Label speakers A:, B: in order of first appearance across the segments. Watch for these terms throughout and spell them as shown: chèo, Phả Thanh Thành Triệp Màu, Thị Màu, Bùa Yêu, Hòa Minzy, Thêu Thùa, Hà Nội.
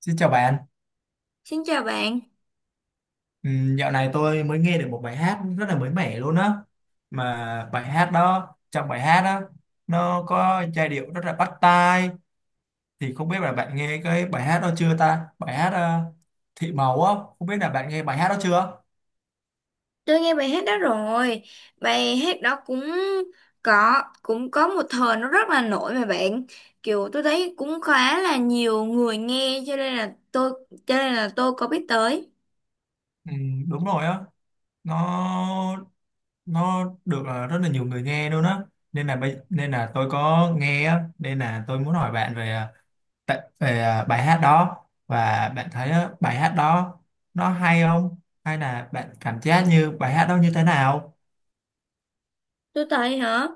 A: Xin chào bạn.
B: Xin chào bạn,
A: Dạo này tôi mới nghe được một bài hát rất là mới mẻ luôn á. Mà bài hát đó, Trong bài hát đó, nó có giai điệu rất là bắt tai. Thì không biết là bạn nghe cái bài hát đó chưa ta? Bài hát Thị Màu á, không biết là bạn nghe bài hát đó chưa?
B: tôi nghe bài hát đó rồi. Bài hát đó cũng cũng có một thời nó rất là nổi mà bạn. Kiểu tôi thấy cũng khá là nhiều người nghe cho nên là tôi có biết tới.
A: Đúng rồi á, nó nó được rất là nhiều người nghe luôn á. Nên là tôi có nghe á, nên là tôi muốn hỏi bạn về bài hát đó, và bạn thấy á, bài hát đó nó hay không, hay là bạn cảm giác như bài hát đó như thế nào.
B: Tôi thấy hả?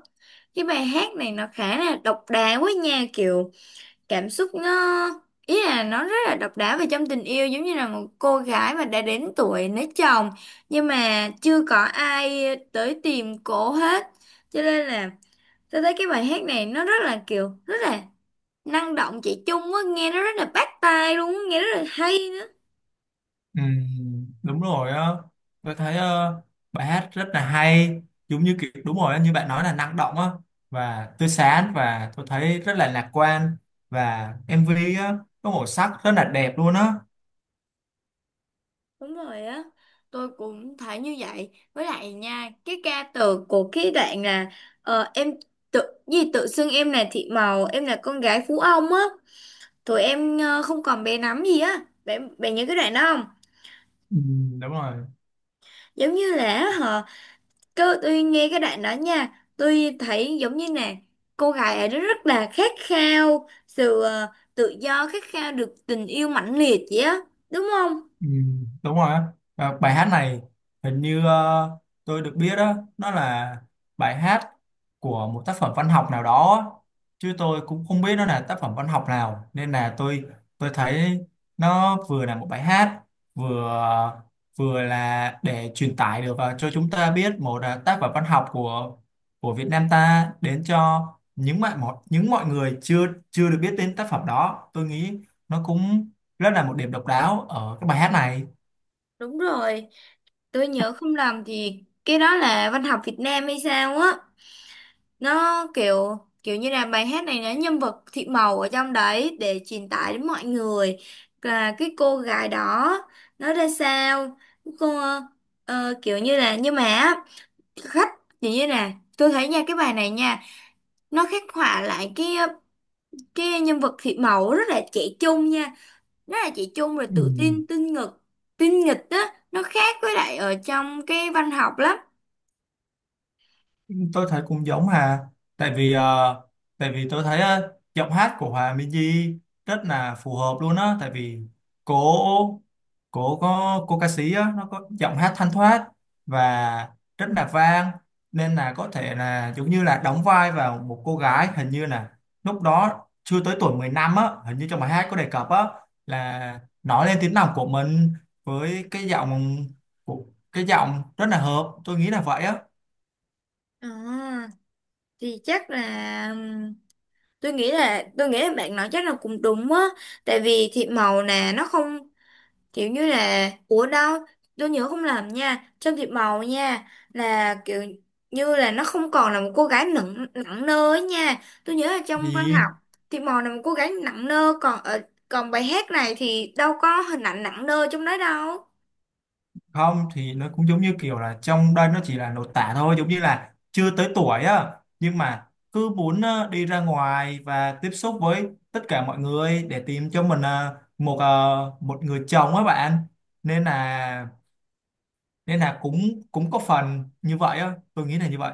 B: Cái bài hát này nó khá là độc đáo quá nha, kiểu cảm xúc nó ý là nó rất là độc đáo về trong tình yêu, giống như là một cô gái mà đã đến tuổi lấy chồng nhưng mà chưa có ai tới tìm cổ hết. Cho nên là tôi thấy cái bài hát này nó rất là kiểu rất là năng động, chị Chung á, nghe nó rất là bắt tai luôn á, nghe rất là hay nữa.
A: Ừm, Đúng rồi á, tôi thấy bài hát rất là hay, giống như kiểu đúng rồi á, như bạn nói là năng động á, và tươi sáng, và tôi thấy rất là lạc quan, và MV á có màu sắc rất là đẹp luôn á.
B: Đúng rồi á. Tôi cũng thấy như vậy. Với lại nha, cái ca từ của cái đoạn là em tự gì tự xưng em là Thị Màu, em là con gái Phú Ông á. Tụi em không còn bé nắm gì á. Bạn bạn nhớ cái đoạn đó không?
A: Đúng rồi.
B: Giống như là hả? Cứ tôi nghe cái đoạn đó nha, tôi thấy giống như nè, cô gái ấy rất là khát khao sự tự do, khát khao được tình yêu mãnh liệt vậy á. Đúng không?
A: Ừ, đúng rồi á. Và bài hát này, hình như tôi được biết đó nó là bài hát của một tác phẩm văn học nào đó á, chứ tôi cũng không biết nó là tác phẩm văn học nào. Nên là tôi thấy nó vừa là một bài hát, vừa vừa là để truyền tải được cho chúng ta biết một tác phẩm văn học của Việt Nam ta đến cho những mọi người chưa chưa được biết đến tác phẩm đó. Tôi nghĩ nó cũng rất là một điểm độc đáo ở cái bài hát này.
B: Đúng rồi. Tôi nhớ không lầm thì cái đó là văn học Việt Nam hay sao á. Nó kiểu kiểu như là bài hát này nó nhân vật Thị Màu ở trong đấy để truyền tải đến mọi người là cái cô gái đó nó ra sao. Cô kiểu như là nhưng mà á, khách, tự nhiên nè tôi thấy nha, cái bài này nha nó khắc họa lại cái nhân vật Thị Mẫu rất là trẻ trung nha, rất là trẻ trung rồi tự tin
A: Ừ,
B: tinh nghịch, tinh nghịch á, nó khác với lại ở trong cái văn học lắm.
A: tôi thấy cũng giống Hà, tại vì ờ, tại vì tôi thấy giọng hát của Hòa Minzy rất là phù hợp luôn á. Tại vì cô cô có cô ca sĩ á nó có giọng hát thanh thoát và rất là vang, nên là có thể là giống như là đóng vai vào một cô gái, hình như là lúc đó chưa tới tuổi 15 á, hình như trong bài hát có đề cập á, là nói lên tiếng lòng của mình. Với cái giọng của cái giọng rất là hợp, tôi nghĩ là vậy á.
B: Ờ, thì chắc là tôi nghĩ là bạn nói chắc là cũng đúng á, tại vì Thị Mẫu nè nó không kiểu như là ủa đâu, tôi nhớ không lầm nha, trong Thị Màu nha là kiểu như là nó không còn là một cô gái nặng nặng nơ ấy nha. Tôi nhớ là trong văn học,
A: Vì
B: Thị Màu là một cô gái nặng nơ, còn ở còn bài hát này thì đâu có hình ảnh nặng nơ trong đó đâu.
A: không thì nó cũng giống như kiểu là trong đây nó chỉ là lột tả thôi, giống như là chưa tới tuổi á, nhưng mà cứ muốn đi ra ngoài và tiếp xúc với tất cả mọi người để tìm cho mình một người chồng á bạn. nên là Nên là cũng cũng có phần như vậy á, tôi nghĩ là như vậy.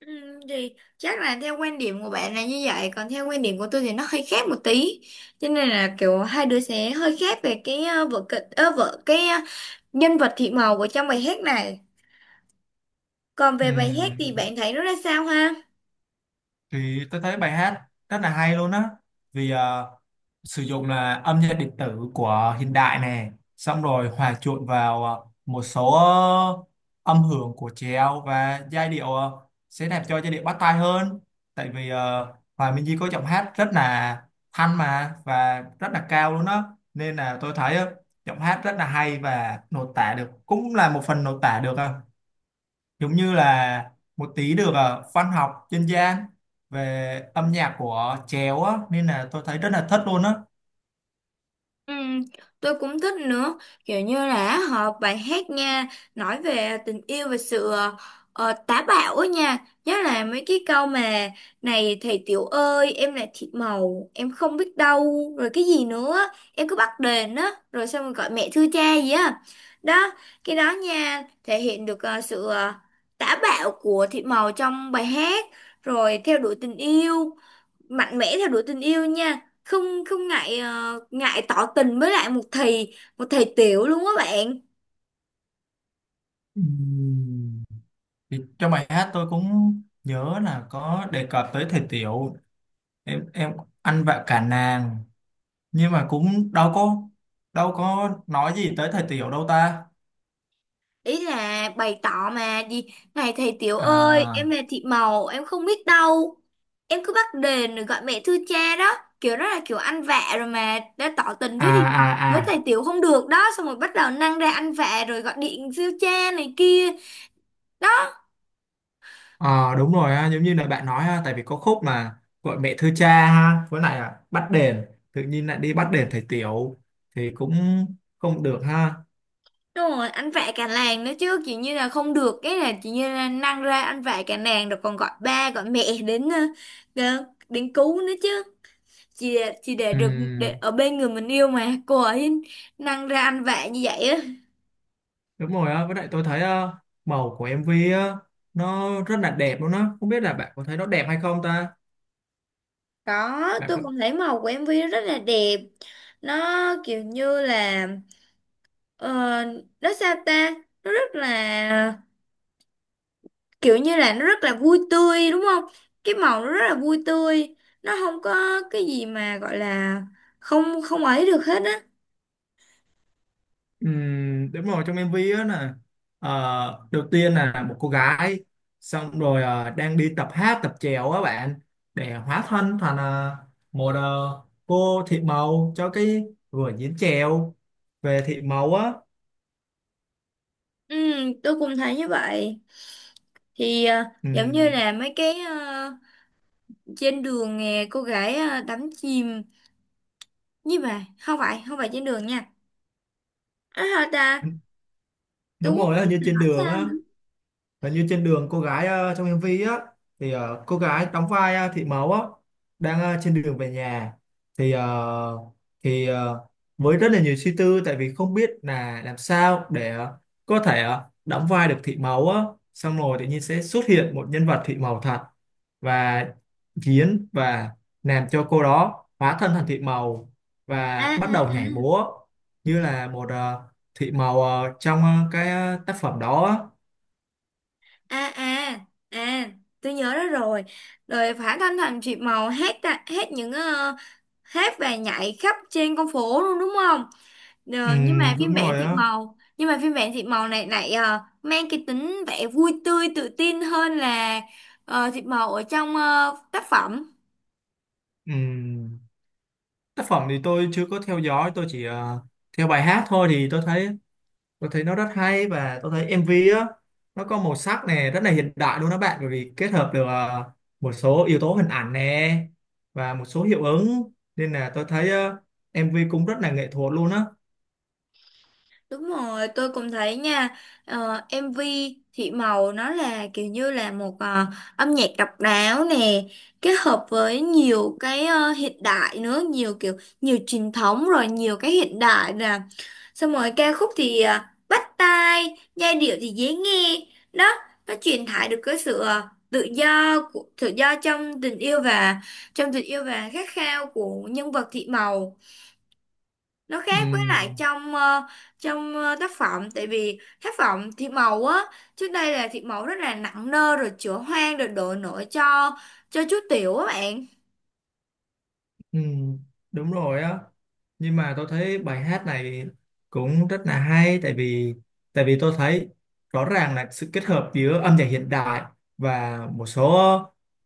B: Ừ, thì chắc là theo quan điểm của bạn là như vậy, còn theo quan điểm của tôi thì nó hơi khác một tí, cho nên là kiểu hai đứa sẽ hơi khác về cái vở kịch vở cái nhân vật Thị Màu của trong bài hát này. Còn về bài hát thì
A: Ừm,
B: bạn thấy nó ra sao ha?
A: thì tôi thấy bài hát rất là hay luôn á, vì ờ, sử dụng là âm nhạc điện tử của hiện đại này, xong rồi hòa trộn vào một số âm hưởng của trèo, và giai điệu sẽ làm cho giai điệu bắt tai hơn. Tại vì Hòa Minh Di có giọng hát rất là thanh mà và rất là cao luôn đó, nên là tôi thấy giọng hát rất là hay và nội tả được, cũng là một phần nội tả được giống như là một tí được văn học dân gian về âm nhạc của trèo á, nên là tôi thấy rất là thích luôn á.
B: Ừ, tôi cũng thích nữa, kiểu như là họ bài hát nha, nói về tình yêu và sự táo bạo á nha, nhất là mấy cái câu mà này thầy tiểu ơi em là thịt màu em không biết đâu rồi cái gì nữa, em cứ bắt đền á rồi xong rồi gọi mẹ thưa cha gì á. Đó, cái đó nha thể hiện được sự táo bạo của thịt màu trong bài hát, rồi theo đuổi tình yêu mạnh mẽ, theo đuổi tình yêu nha, không không ngại ngại tỏ tình với lại một thầy tiểu luôn á bạn.
A: Ừm. Thì trong bài hát tôi cũng nhớ là có đề cập tới thầy Tiểu, em ăn vạ cả nàng, nhưng mà cũng đâu có nói gì tới thầy Tiểu đâu ta.
B: Ý là bày tỏ mà gì, này thầy tiểu ơi em
A: À
B: là Thị Màu em không biết đâu, em cứ bắt đền rồi gọi mẹ thưa cha đó, kiểu đó là kiểu ăn vạ rồi mà đã tỏ tình
A: à
B: với thì
A: à
B: với thầy
A: à.
B: tiểu không được đó, xong rồi bắt đầu năng ra ăn vạ rồi gọi điện siêu cha này kia đó.
A: Ờ, Đúng rồi ha, giống như là bạn nói ha, tại vì có khúc mà gọi mẹ thưa cha ha, với lại là bắt đền, tự nhiên lại đi bắt đền thầy Tiểu thì cũng không được ha.
B: Đúng rồi, anh vạ cả làng nữa chứ. Kiểu như là không được, cái là kiểu như là năng ra anh vạ cả làng, rồi còn gọi ba, gọi mẹ đến đến cứu nữa chứ. Chỉ để được để
A: Ừm,
B: ở bên người mình yêu mà, cô ấy năng ra anh vạ như vậy á.
A: Đúng rồi á, với lại tôi thấy màu của MV á, nó rất là đẹp luôn á. Không biết là bạn có thấy nó đẹp hay không ta?
B: Có,
A: Bạn
B: tôi
A: có.
B: cũng thấy màu của em MV rất là đẹp. Nó kiểu như là ờ, nó sao ta, nó rất là kiểu như là nó rất là vui tươi đúng không, cái màu nó rất là vui tươi, nó không có cái gì mà gọi là không không ấy được hết á.
A: Đúng rồi, trong MV á là đầu tiên là một cô gái, xong rồi đang đi tập hát tập chèo á bạn, để hóa thân thành một ờ, cô thị màu cho cái vở diễn chèo về thị màu á.
B: Ừ, tôi cũng thấy như vậy, thì giống như
A: Ừm,
B: là mấy cái trên đường nè cô gái đắm chìm nhưng mà không phải trên đường nha, à, hả ta, tôi
A: Đúng
B: cũng không
A: rồi á,
B: biết
A: như
B: là
A: trên
B: nói
A: đường
B: sao
A: á.
B: nữa.
A: Và như trên đường cô gái trong MV á, thì cô gái đóng vai Thị Mẫu á đang trên đường về nhà, thì ờ, thì ờ, với rất là nhiều suy tư, tại vì không biết là làm sao để có thể đóng vai được Thị Mẫu á. Xong rồi tự nhiên sẽ xuất hiện một nhân vật Thị Mẫu thật, và diễn và làm cho cô đó hóa thân thành Thị Mẫu
B: À
A: và bắt
B: à
A: đầu
B: à
A: nhảy múa, như là một Thị Mẫu trong tác phẩm đó á.
B: à à à à, tôi nhớ đó rồi, rồi Phả Thanh Thành Triệp Màu hát ta, hát những hát và nhảy khắp trên con phố luôn đúng không.
A: Ừ,
B: Ờ, nhưng mà
A: đúng
B: phiên bản
A: rồi
B: Thị
A: á.
B: Màu, nhưng mà phiên bản Thị Màu này lại mang cái tính vẻ vui tươi tự tin hơn là Thị Màu ở trong tác phẩm.
A: Ừ, tác phẩm thì tôi chưa có theo dõi, tôi chỉ theo bài hát thôi. Thì tôi thấy Tôi thấy nó rất hay, và tôi thấy MV á nó có màu sắc này rất là hiện đại luôn đó bạn, bởi vì kết hợp được một số yếu tố hình ảnh nè và một số hiệu ứng, nên là tôi thấy MV cũng rất là nghệ thuật luôn á.
B: Đúng rồi, tôi cũng thấy nha, MV Thị Màu nó là kiểu như là một âm nhạc độc đáo nè, kết hợp với nhiều cái hiện đại nữa, nhiều kiểu, nhiều truyền thống rồi nhiều cái hiện đại nè. Xong rồi ca khúc thì bắt tai, giai điệu thì dễ nghe. Đó, nó truyền tải được cái sự tự do của tự do trong tình yêu và khát khao của nhân vật Thị Màu, nó
A: Ừ.
B: khác với lại trong tác phẩm, tại vì tác phẩm Thiệp Màu á trước đây là Thiệp Màu rất là nặng nơ rồi chữa hoang rồi đổ nổi cho chú Tiểu á bạn.
A: Ừ, đúng rồi á, nhưng mà tôi thấy bài hát này cũng rất là hay, tại vì tôi thấy rõ ràng là sự kết hợp giữa âm nhạc hiện đại và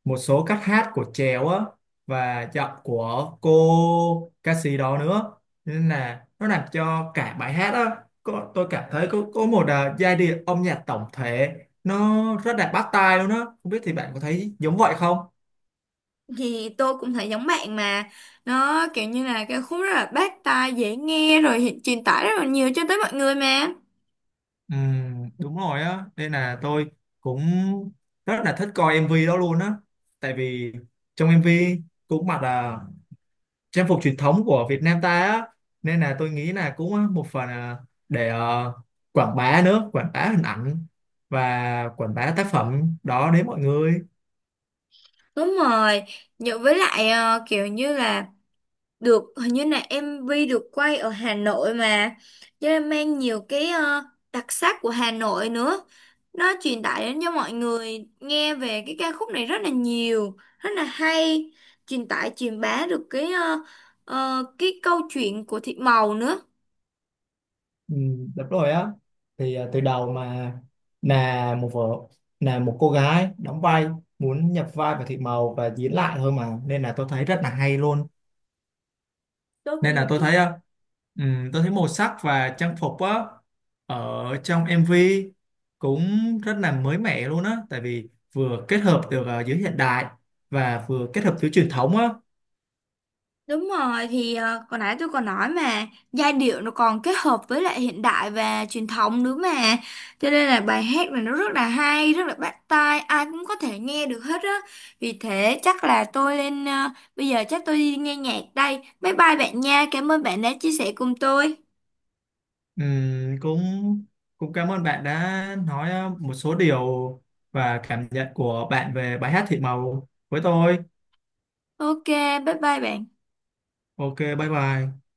A: một số cách hát của chèo á, và giọng của cô ca sĩ đó nữa, nên là nó làm cho cả bài hát á có, tôi cảm thấy có một giai điệu âm nhạc tổng thể nó rất là bắt tai luôn á. Không biết thì bạn có thấy giống vậy không?
B: Thì tôi cũng thấy giống bạn mà, nó kiểu như là cái khúc rất là bắt tai dễ nghe rồi truyền tải rất là nhiều cho tới mọi người mà.
A: Ừ, đúng rồi á, nên là tôi cũng rất là thích coi MV đó luôn á, tại vì trong MV cũng mặc là trang phục truyền thống của Việt Nam ta á, nên là tôi nghĩ là cũng một phần là để quảng bá nữa, quảng bá hình ảnh và quảng bá tác phẩm đó đến mọi người.
B: Đúng rồi, nhờ với lại kiểu như là được hình như là MV được quay ở Hà Nội mà, cho nên mang nhiều cái đặc sắc của Hà Nội nữa, nó truyền tải đến cho mọi người nghe về cái ca khúc này rất là nhiều rất là hay, truyền tải truyền bá được cái cái câu chuyện của Thị Màu nữa.
A: Ừ, đúng rồi á. Từ đầu mà là một vợ là một cô gái đóng vai muốn nhập vai vào Thị Màu và diễn lại thôi mà, nên là tôi thấy rất là hay luôn.
B: Tôi
A: Nên
B: cũng
A: là tôi
B: thấy.
A: thấy tôi thấy màu sắc và trang phục á ở trong MV cũng rất là mới mẻ luôn á, tại vì vừa kết hợp được giữa hiện đại và vừa kết hợp giữa truyền thống á.
B: Đúng rồi, thì hồi nãy tôi còn nói mà, giai điệu nó còn kết hợp với lại hiện đại và truyền thống nữa mà, cho nên là bài hát này nó rất là hay rất là bắt tai, ai cũng có thể nghe được hết á. Vì thế chắc là tôi lên bây giờ chắc tôi đi nghe nhạc đây, bye bye bạn nha, cảm ơn bạn đã chia sẻ cùng tôi.
A: Cũng cũng cảm ơn bạn đã nói một số điều và cảm nhận của bạn về bài hát Thị Màu với tôi.
B: Ok, bye bye bạn.
A: Ok, bye bye.